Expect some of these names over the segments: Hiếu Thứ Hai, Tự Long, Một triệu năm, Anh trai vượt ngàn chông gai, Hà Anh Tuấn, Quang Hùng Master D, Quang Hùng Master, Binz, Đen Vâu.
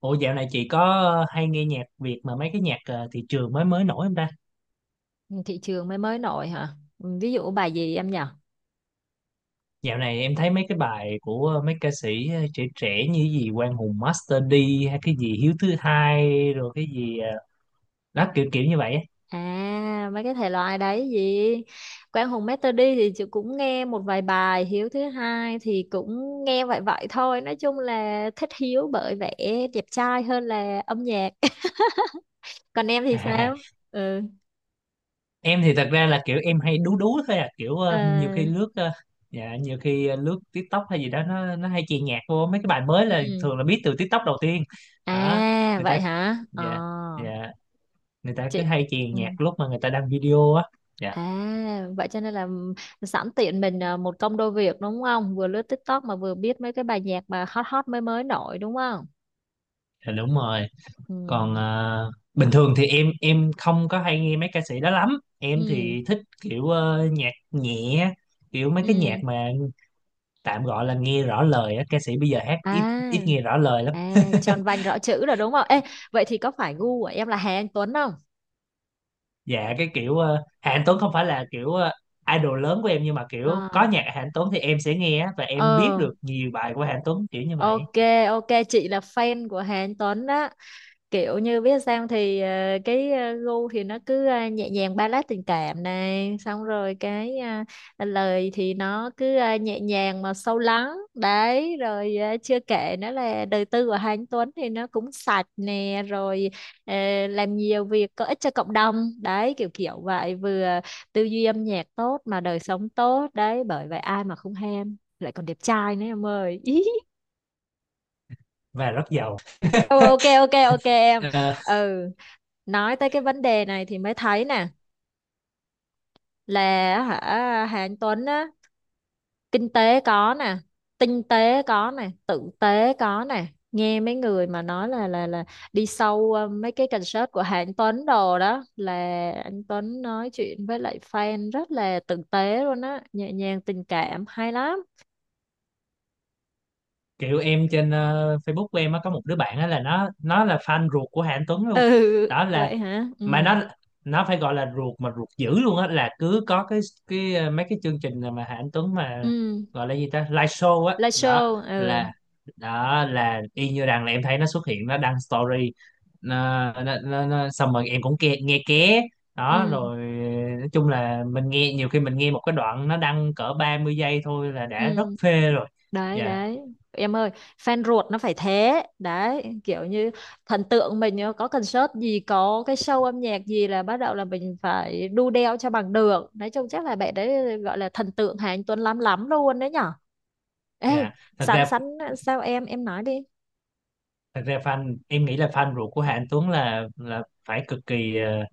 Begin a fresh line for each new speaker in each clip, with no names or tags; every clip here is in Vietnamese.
Ủa dạo này chị có hay nghe nhạc Việt mà mấy cái nhạc thị trường mới mới nổi không ta?
Thị trường mới mới nổi hả? Ừ, ví dụ bài gì em nhỉ?
Dạo này em thấy mấy cái bài của mấy ca sĩ trẻ trẻ như gì Quang Hùng Master D hay cái gì Hiếu Thứ Hai rồi cái gì đó kiểu kiểu như vậy á.
Mấy cái thể loại đấy gì. Quang Hùng Master Đi thì chị cũng nghe một vài bài. Hiếu Thứ Hai thì cũng nghe vậy vậy thôi, nói chung là thích Hiếu bởi vẻ đẹp trai hơn là âm nhạc. Còn em thì sao? Ừ.
Em thì thật ra là kiểu em hay đú đú thôi à, kiểu ờ, nhiều khi
à,
lướt ờ, dạ, nhiều khi lướt TikTok hay gì đó nó hay chèn nhạc vô mấy cái bài mới, là
ừ.
thường là biết từ TikTok đầu tiên. Đó,
à
người ta
vậy hả? ờ
dạ, dạ, người ta cứ
chị
hay chèn
Ừ.
nhạc lúc mà người ta đăng video á. Dạ,
À, vậy cho nên là sẵn tiện mình, một công đôi việc đúng không? Vừa lướt TikTok mà vừa biết mấy cái bài nhạc mà hot hot mới mới nổi đúng không?
dạ đúng rồi.
Ừ.
Còn bình thường thì em không có hay nghe mấy ca sĩ đó lắm. Em
Ừ.
thì thích kiểu nhạc nhẹ, kiểu mấy cái nhạc
Ừ.
mà tạm gọi là nghe rõ lời á. Ca sĩ bây giờ hát ít
À,
ít nghe rõ lời lắm.
tròn vành rõ chữ rồi đúng không? Ê, vậy thì có phải gu của em là Hà Anh Tuấn không?
Dạ cái kiểu Hà Anh Tuấn không phải là kiểu idol lớn của em, nhưng mà kiểu
À,
có nhạc Hà Anh Tuấn thì em sẽ nghe á, và em biết
ờ,
được nhiều bài của Hà Anh Tuấn kiểu như vậy
ok, ok, chị là fan của Hà Anh Tuấn đó. Kiểu như biết sao thì, gu thì nó cứ nhẹ nhàng, ballad tình cảm này, xong rồi cái lời thì nó cứ nhẹ nhàng mà sâu lắng đấy, rồi chưa kể nữa là đời tư của Hà Anh Tuấn thì nó cũng sạch nè, rồi ờ, làm nhiều việc có ích cho cộng đồng đấy kiểu kiểu vậy, vừa tư duy âm nhạc tốt mà đời sống tốt đấy, bởi vậy ai mà không ham, lại còn đẹp trai nữa em ơi.
và rất giàu.
Ừ, ok ok ok em.
Ờ,
Ừ, nói tới cái vấn đề này thì mới thấy nè, là, hả, Hà Anh Tuấn á, kinh tế có nè, tinh tế có nè, tử tế có nè, nghe mấy người mà nói là đi sâu mấy cái concert của Hà Anh Tuấn đồ đó là anh Tuấn nói chuyện với lại fan rất là tử tế luôn á, nhẹ nhàng tình cảm hay lắm.
kiểu em trên Facebook của em á, có một đứa bạn á là nó là fan ruột của Hà Anh Tuấn
Ừ.
luôn. Đó là
Vậy hả? Ừ.
mà nó phải gọi là ruột mà ruột dữ luôn á, là cứ có mấy cái chương trình mà Hà Anh Tuấn mà
Ừ,
gọi là gì ta, live show á,
live show. Ừ.
là đó là y như rằng là em thấy nó xuất hiện nó đăng story xong rồi em cũng nghe ké, đó
Ừ.
rồi nói chung là mình nghe, nhiều khi mình nghe một cái đoạn nó đăng cỡ 30 giây thôi là đã
Ừ,
rất phê rồi.
đấy
Dạ,
đấy em ơi, fan ruột nó phải thế, đấy kiểu như thần tượng mình á, có concert gì có cái show âm nhạc gì là bắt đầu là mình phải đu đeo cho bằng được, nói chung chắc là bạn đấy gọi là thần tượng Hà Anh Tuấn lắm lắm luôn đấy nhở. Ê,
dạ. thật
sẵn
ra
sẵn sao em nói đi.
Thật ra fan em nghĩ là fan ruột của Hà Anh Tuấn là phải cực kỳ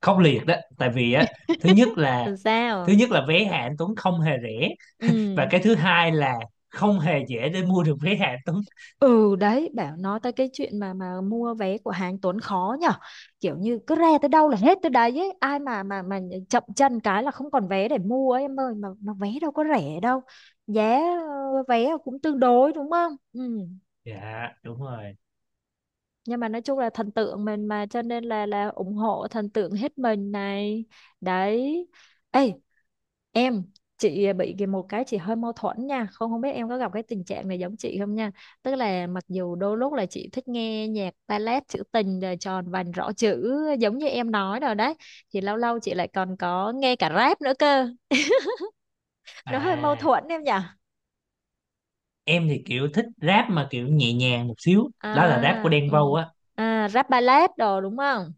khốc liệt đó, tại vì á, thứ nhất là
Làm
thứ
sao.
nhất là vé Hà Anh Tuấn không hề rẻ,
Ừ.
và cái thứ hai là không hề dễ để mua được vé Hà Anh Tuấn.
Ừ đấy, bảo nói tới cái chuyện mà mua vé của hàng Tuấn khó nhở, kiểu như cứ re tới đâu là hết tới đấy ấy. Ai mà chậm chân cái là không còn vé để mua ấy, em ơi, mà vé đâu có rẻ đâu, giá vé cũng tương đối đúng không. Ừ.
Dạ đúng rồi.
Nhưng mà nói chung là thần tượng mình mà cho nên là ủng hộ thần tượng hết mình này, đấy. Ê em, chị bị cái một cái chị hơi mâu thuẫn nha, không không biết em có gặp cái tình trạng này giống chị không nha, tức là mặc dù đôi lúc là chị thích nghe nhạc ballad trữ tình rồi tròn vành rõ chữ giống như em nói rồi đấy, thì lâu lâu chị lại còn có nghe cả rap nữa cơ. Nó hơi mâu
À,
thuẫn em nhỉ?
em thì kiểu thích rap mà kiểu nhẹ nhàng một xíu, đó là rap của
à
Đen
ừ.
Vâu á.
Rap ballad đồ đúng không.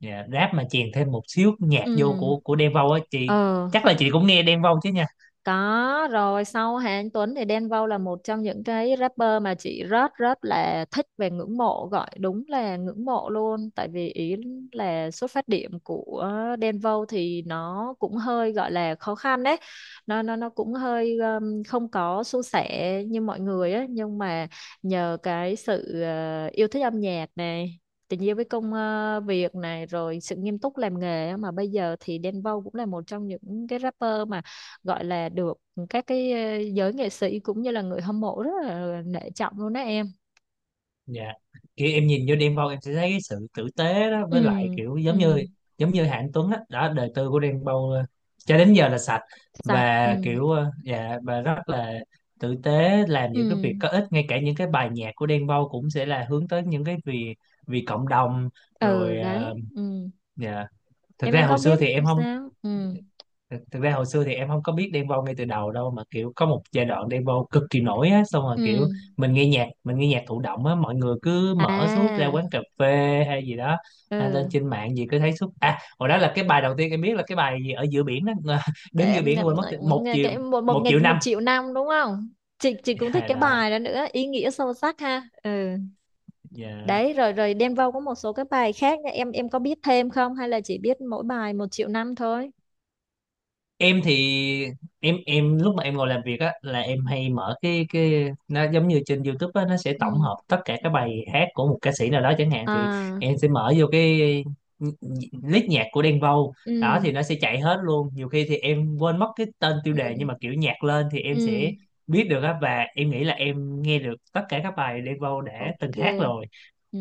Dạ rap mà chèn thêm một xíu nhạc vô
Ừ.
của Đen Vâu á chị,
ờ
chắc là chị cũng nghe Đen Vâu chứ nhỉ?
Có rồi, sau Hà Anh Tuấn thì Đen Vâu là một trong những cái rapper mà chị rất rất là thích và ngưỡng mộ, gọi đúng là ngưỡng mộ luôn, tại vì ý là xuất phát điểm của Đen Vâu thì nó cũng hơi gọi là khó khăn đấy, nó cũng hơi không có suôn sẻ như mọi người á, nhưng mà nhờ cái sự yêu thích âm nhạc này, tình yêu với công việc này, rồi sự nghiêm túc làm nghề á, mà bây giờ thì Đen Vâu cũng là một trong những cái rapper gọi là được các cái giới nghệ sĩ cũng như là người hâm mộ rất là nể trọng luôn đó em.
Dạ. Kiểu em nhìn vô Đen Vâu em sẽ thấy cái sự tử tế đó,
Ừ.
với lại kiểu giống như
Ừ.
Hạng Tuấn á, đó, đời tư của Đen Vâu cho đến giờ là sạch,
Sạch.
và
Ừ.
kiểu dạ, và rất là tử tế, làm những cái
Ừ.
việc có ích. Ngay cả những cái bài nhạc của Đen Vâu cũng sẽ là hướng tới những cái vì vì cộng đồng
Ừ,
rồi
đấy. Ừ.
dạ. Thực
Em
ra
có
hồi xưa
biết
thì em không
sao. Ừ.
Thực ra hồi xưa thì em không có biết Đen Vâu ngay từ đầu đâu, mà kiểu có một giai đoạn Đen Vâu cực kỳ nổi á, xong rồi kiểu
Ừ.
mình nghe nhạc thụ động á, mọi người cứ mở suốt ra quán
à
cà phê hay gì đó, hay lên
ừ.
trên mạng gì cứ thấy suốt. À hồi đó là cái bài đầu tiên em biết là cái bài gì ở giữa biển đó,
Cái
đứng giữa
em-
biển quên mất
nghe cái một một
một
ngày
triệu năm.
một triệu năm đúng không. Chị cũng thích
Yeah,
cái
đó.
bài đó nữa, ý nghĩa sâu sắc ha. Ừ.
Yeah.
Đấy, rồi rồi Đen Vâu có một số cái bài khác nha. Em có biết thêm không hay là chỉ biết mỗi bài một triệu năm thôi.
em thì em lúc mà em ngồi làm việc á là em hay mở cái, nó giống như trên YouTube á, nó sẽ tổng
Ừ.
hợp tất cả các bài hát của một ca sĩ nào đó chẳng hạn, thì
à
em sẽ mở vô cái list nhạc của Đen Vâu, đó
ừ.
thì nó sẽ chạy hết luôn. Nhiều khi thì em quên mất cái tên tiêu đề
Ừ.
nhưng mà kiểu nhạc lên thì em sẽ
Ừ.
biết được á, và em nghĩ là em nghe được tất cả các bài Đen Vâu đã từng hát
Ok.
rồi.
Ừ.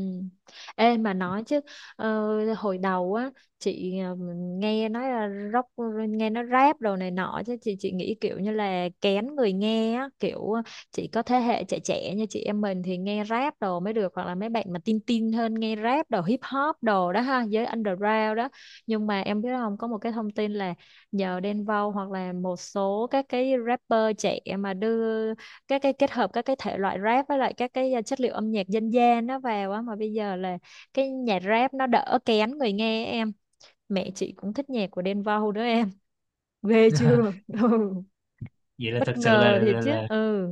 Ê mà nói chứ, hồi đầu á chị nghe nói là rock, nghe nó rap đồ này nọ, chứ chị nghĩ kiểu như là kén người nghe á, kiểu chỉ có thế hệ trẻ trẻ như chị em mình thì nghe rap đồ mới được, hoặc là mấy bạn mà tin tin hơn nghe rap đồ hip hop đồ đó ha, giới underground đó. Nhưng mà em biết không, có một cái thông tin là nhờ Đen Vâu hoặc là một số các cái rapper trẻ mà đưa các cái kết hợp các cái thể loại rap với lại các cái chất liệu âm nhạc dân gian nó vào á, mà bây giờ là cái nhạc rap nó đỡ kén người nghe em, mẹ chị cũng thích nhạc của Đen Vâu đó em, ghê chưa. Ừ.
Vậy là thật
Bất
sự là,
ngờ
là,
thiệt
là,
chứ.
là
Ừ.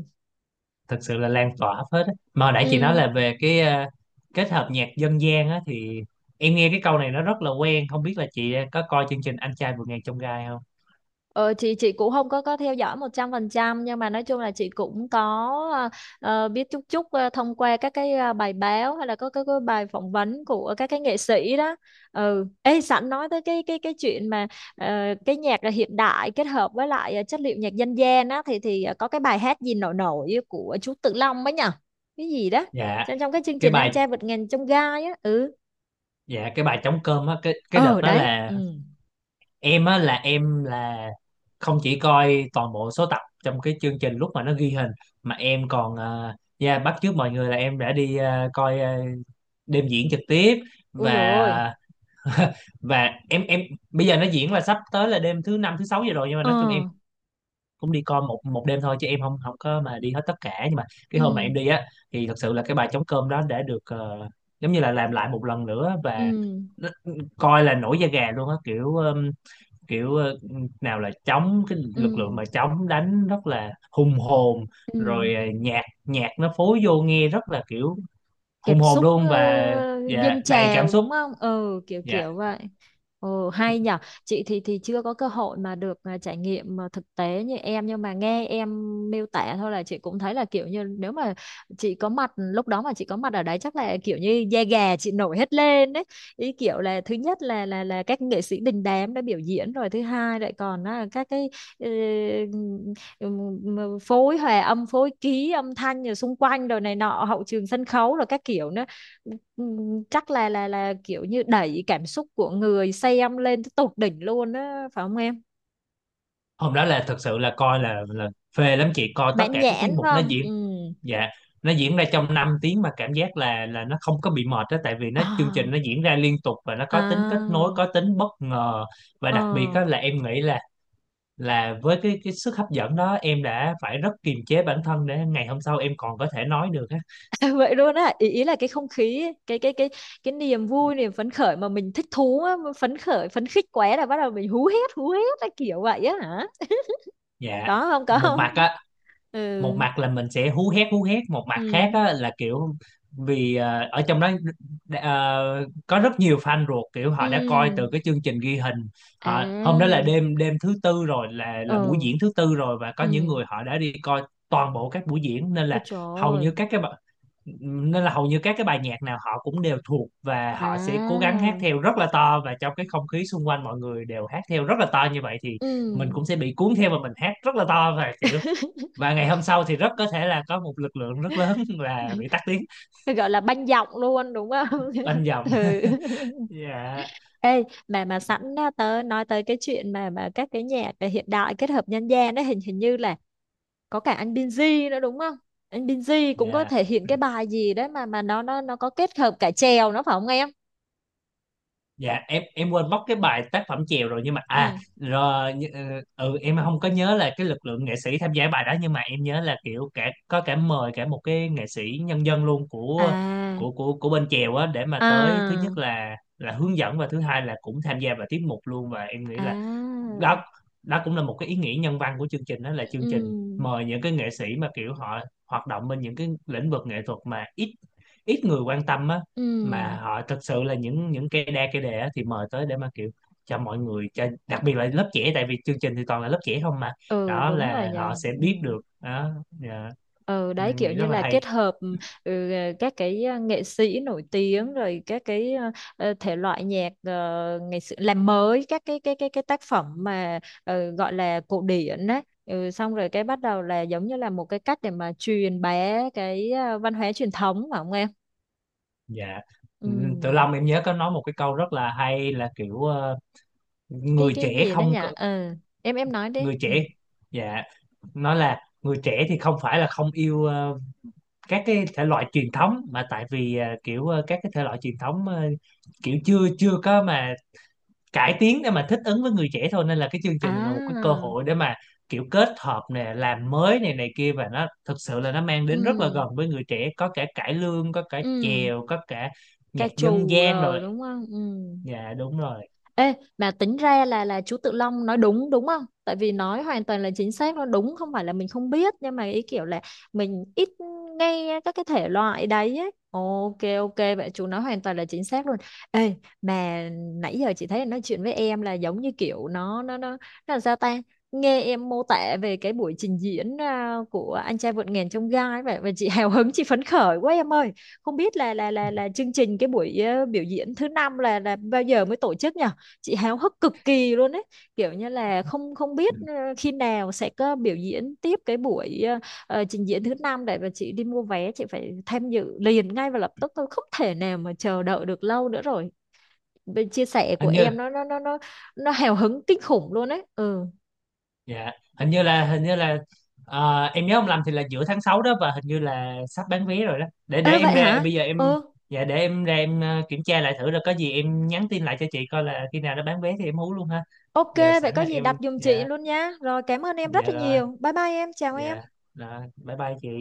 thật sự là lan tỏa hết á. Mà hồi nãy chị nói
Ừ.
là về cái kết hợp nhạc dân gian á, thì em nghe cái câu này nó rất là quen, không biết là chị có coi chương trình Anh trai vượt ngàn chông gai không?
Ờ, chị cũng không có theo dõi 100%, nhưng mà nói chung là chị cũng có ờ, biết chút chút, thông qua các cái bài báo hay là có các cái bài phỏng vấn của các cái nghệ sĩ đó. Ừ. Ê, sẵn nói tới cái chuyện mà ờ, cái nhạc là hiện đại kết hợp với lại chất liệu nhạc dân gian á, thì có cái bài hát gì nổi nổi của chú Tự Long ấy nhở? Cái gì đó?
dạ
Trong Trong cái chương
cái
trình
bài
Anh Trai Vượt Ngàn Chông Gai á. Ừ.
dạ cái bài trống cơm á, cái đợt
Ờ
đó
đấy.
là
Ừ.
em á là em là không chỉ coi toàn bộ số tập trong cái chương trình lúc mà nó ghi hình, mà em còn yeah, bắt chước mọi người là em đã đi coi đêm diễn trực tiếp,
Ui dồi ôi.
và và em bây giờ nó diễn là sắp tới là đêm thứ năm, thứ sáu giờ rồi, nhưng mà
Ờ.
nói chung em cũng đi coi một một đêm thôi chứ em không không có mà đi hết tất cả, nhưng mà cái hôm mà
Ừ.
em đi á thì thật sự là cái bài trống cơm đó đã được giống như là làm lại một lần nữa,
Ừ.
và nó- ừ, coi là nổi da gà luôn á, kiểu kiểu nào là trống, cái lực
Ừ.
lượng mà trống đánh rất là hùng hồn,
Ừ.
rồi nhạc nhạc nó phối vô nghe rất là kiểu hùng
Cảm
hồn
xúc
luôn, và
dâng
đầy cảm
trào
xúc.
đúng không, ừ, kiểu
Dạ
kiểu vậy. Ừ hay nhở. Chị thì chưa có cơ hội mà được, trải nghiệm mà thực tế như em, nhưng mà nghe em miêu tả thôi là chị cũng thấy là kiểu như nếu mà chị có mặt lúc đó, mà chị có mặt ở đấy chắc là kiểu như da gà chị nổi hết lên đấy, ý kiểu là thứ nhất là các nghệ sĩ đình đám đã biểu diễn rồi, thứ hai lại còn là các cái ờ, ừ, phối hòa âm phối ký âm thanh rồi xung quanh rồi này nọ hậu trường sân khấu rồi các kiểu nữa. Ừ, chắc là kiểu như đẩy cảm xúc của người xem lên tới tột đỉnh luôn á phải không em,
hôm đó là thật sự là coi là phê lắm chị, coi tất
mãn
cả các
nhãn
tiết
phải
mục nó
không.
diễn.
Ừ.
Dạ nó diễn ra trong 5 tiếng mà cảm giác là nó không có bị mệt đó, tại vì nó chương
À,
trình nó diễn ra liên tục và nó có tính kết nối,
à,
có tính bất ngờ. Và đặc biệt
ờ.
đó là em nghĩ là với cái sức hấp dẫn đó em đã phải rất kiềm chế bản thân để ngày hôm sau em còn có thể nói được á.
Vậy luôn á, ý, là cái không khí ấy, cái niềm vui niềm phấn khởi mà mình thích thú á, mà phấn khởi phấn khích quá là bắt đầu mình hú hét hú hét, cái kiểu vậy á hả?
Dạ
Có không, có
một
không?
mặt á
Ừ.
một mặt là mình sẽ hú hét hú hét, một mặt khác
Ừ.
á, là kiểu vì ở trong đó có rất nhiều fan ruột, kiểu họ đã coi
Ừ.
từ cái chương trình ghi hình.
À,
Họ hôm đó là đêm đêm thứ tư rồi, là buổi
ờ,
diễn thứ tư rồi, và có những
ừ,
người họ đã đi coi toàn bộ các buổi diễn, nên
ôi
là
trời
hầu
ơi.
như các cái bài- nên là hầu như các cái bài nhạc nào họ cũng đều thuộc, và họ sẽ cố gắng hát
À,
theo rất là to, và trong cái không khí xung quanh mọi người đều hát theo rất là to như vậy, thì
ừ.
mình cũng sẽ bị cuốn theo và mình hát rất là to, và kiểu và ngày hôm sau thì rất có thể là có một lực lượng rất lớn là bị tắt tiếng
Cái gọi là banh giọng luôn đúng không?
bên dòng.
Ừ.
Dạ,
Ê, mà sẵn á, tớ nói tới cái chuyện mà các cái nhạc hiện đại kết hợp dân gian đấy, hình hình như là có cả anh Binz nữa đúng không? Anh Binz cũng có
dạ,
thể hiện cái bài gì đấy mà nó có kết hợp cả chèo nó phải không em?
dạ, em quên mất cái bài tác phẩm chèo rồi, nhưng mà à
Ừ.
rồi ừ em không có nhớ là cái lực lượng nghệ sĩ tham gia bài đó, nhưng mà em nhớ là kiểu cả có, cả mời cả một cái nghệ sĩ nhân dân luôn
À,
của bên chèo á, để mà tới, thứ
à,
nhất là hướng dẫn và thứ hai là cũng tham gia vào tiết mục luôn, và em nghĩ
à,
là đó đó cũng là một cái ý nghĩa nhân văn của chương trình. Đó là
ừ,
chương trình mời những cái nghệ sĩ mà kiểu họ hoạt động bên những cái lĩnh vực nghệ thuật mà ít ít người quan tâm á,
ừ.
mà họ thật sự là những cây đa cây đề á, thì mời tới để mà kiểu cho mọi người, cho đặc biệt là lớp trẻ, tại vì chương trình thì toàn là lớp trẻ không mà,
Ừ
đó
đúng rồi
là họ
nhờ.
sẽ
Ừ.
biết được, đó dạ.
Ừ
Nên
đấy
em
kiểu
nghĩ rất
như
là
là
hay.
kết hợp, ừ, các cái nghệ sĩ nổi tiếng rồi các cái thể loại nhạc ngày xưa, làm mới các cái tác phẩm mà gọi là cổ điển đấy, ừ, xong rồi cái bắt đầu là giống như là một cái cách để mà truyền bá cái văn hóa truyền thống phải không em.
Dạ. Ừ, Tự
Ừ.
Long em nhớ có nói một cái câu rất là hay, là kiểu
Cái
người trẻ
gì nữa nhỉ.
không có
Ừ. Em nói đi.
người
Ừ.
trẻ dạ, nó là người trẻ thì không phải là không yêu các cái thể loại truyền thống, mà tại vì kiểu các cái thể loại truyền thống kiểu chưa chưa có mà cải tiến để mà thích ứng với người trẻ thôi, nên là cái chương trình này là một cái cơ
à
hội để mà kiểu kết hợp nè, làm mới này này kia, và nó thực sự là nó mang đến rất là
ừ.
gần với người trẻ. Có cả cải lương, có cả
Ừ.
chèo, có cả
Ca
nhạc dân
trù
gian rồi.
rồi đúng không. Ừ.
Dạ đúng rồi.
Ê, mà tính ra là chú Tự Long nói đúng đúng không? Tại vì nói hoàn toàn là chính xác, nó đúng, không phải là mình không biết, nhưng mà ý kiểu là mình ít nghe các cái thể loại đấy ấy. Ok ok, vậy chú nói hoàn toàn là chính xác luôn. Ê, mà nãy giờ chị thấy nói chuyện với em là giống như kiểu nó là sao ta? Nghe em mô tả về cái buổi trình diễn, của Anh Trai Vượt Ngàn Chông Gai vậy và chị hào hứng chị phấn khởi quá em ơi. Không biết là chương trình cái buổi biểu diễn thứ năm là bao giờ mới tổ chức nhỉ? Chị háo hức cực kỳ luôn ấy, kiểu như là không không biết khi nào sẽ có biểu diễn tiếp cái buổi trình diễn thứ năm để mà chị đi mua vé, chị phải tham dự liền ngay và lập tức thôi, không thể nào mà chờ đợi được lâu nữa rồi. Bên chia sẻ của
Hình như
em nó nó hào hứng kinh khủng luôn ấy. Ừ.
Dạ, hình như là em nhớ không lầm thì là giữa tháng 6 đó, và hình như là sắp bán vé rồi đó. Để
Ê
em
vậy
ra
hả?
bây giờ em
Ừ.
dạ để em ra em kiểm tra lại thử, rồi có gì em nhắn tin lại cho chị coi là khi nào nó bán vé thì em hú luôn ha.
Ok,
Giờ
vậy
sẵn
có
là
gì đặt
em
giùm chị
dạ
luôn nha, rồi cảm ơn em rất
dạ
là
rồi,
nhiều, bye bye em, chào em.
dạ rồi, bye bye chị.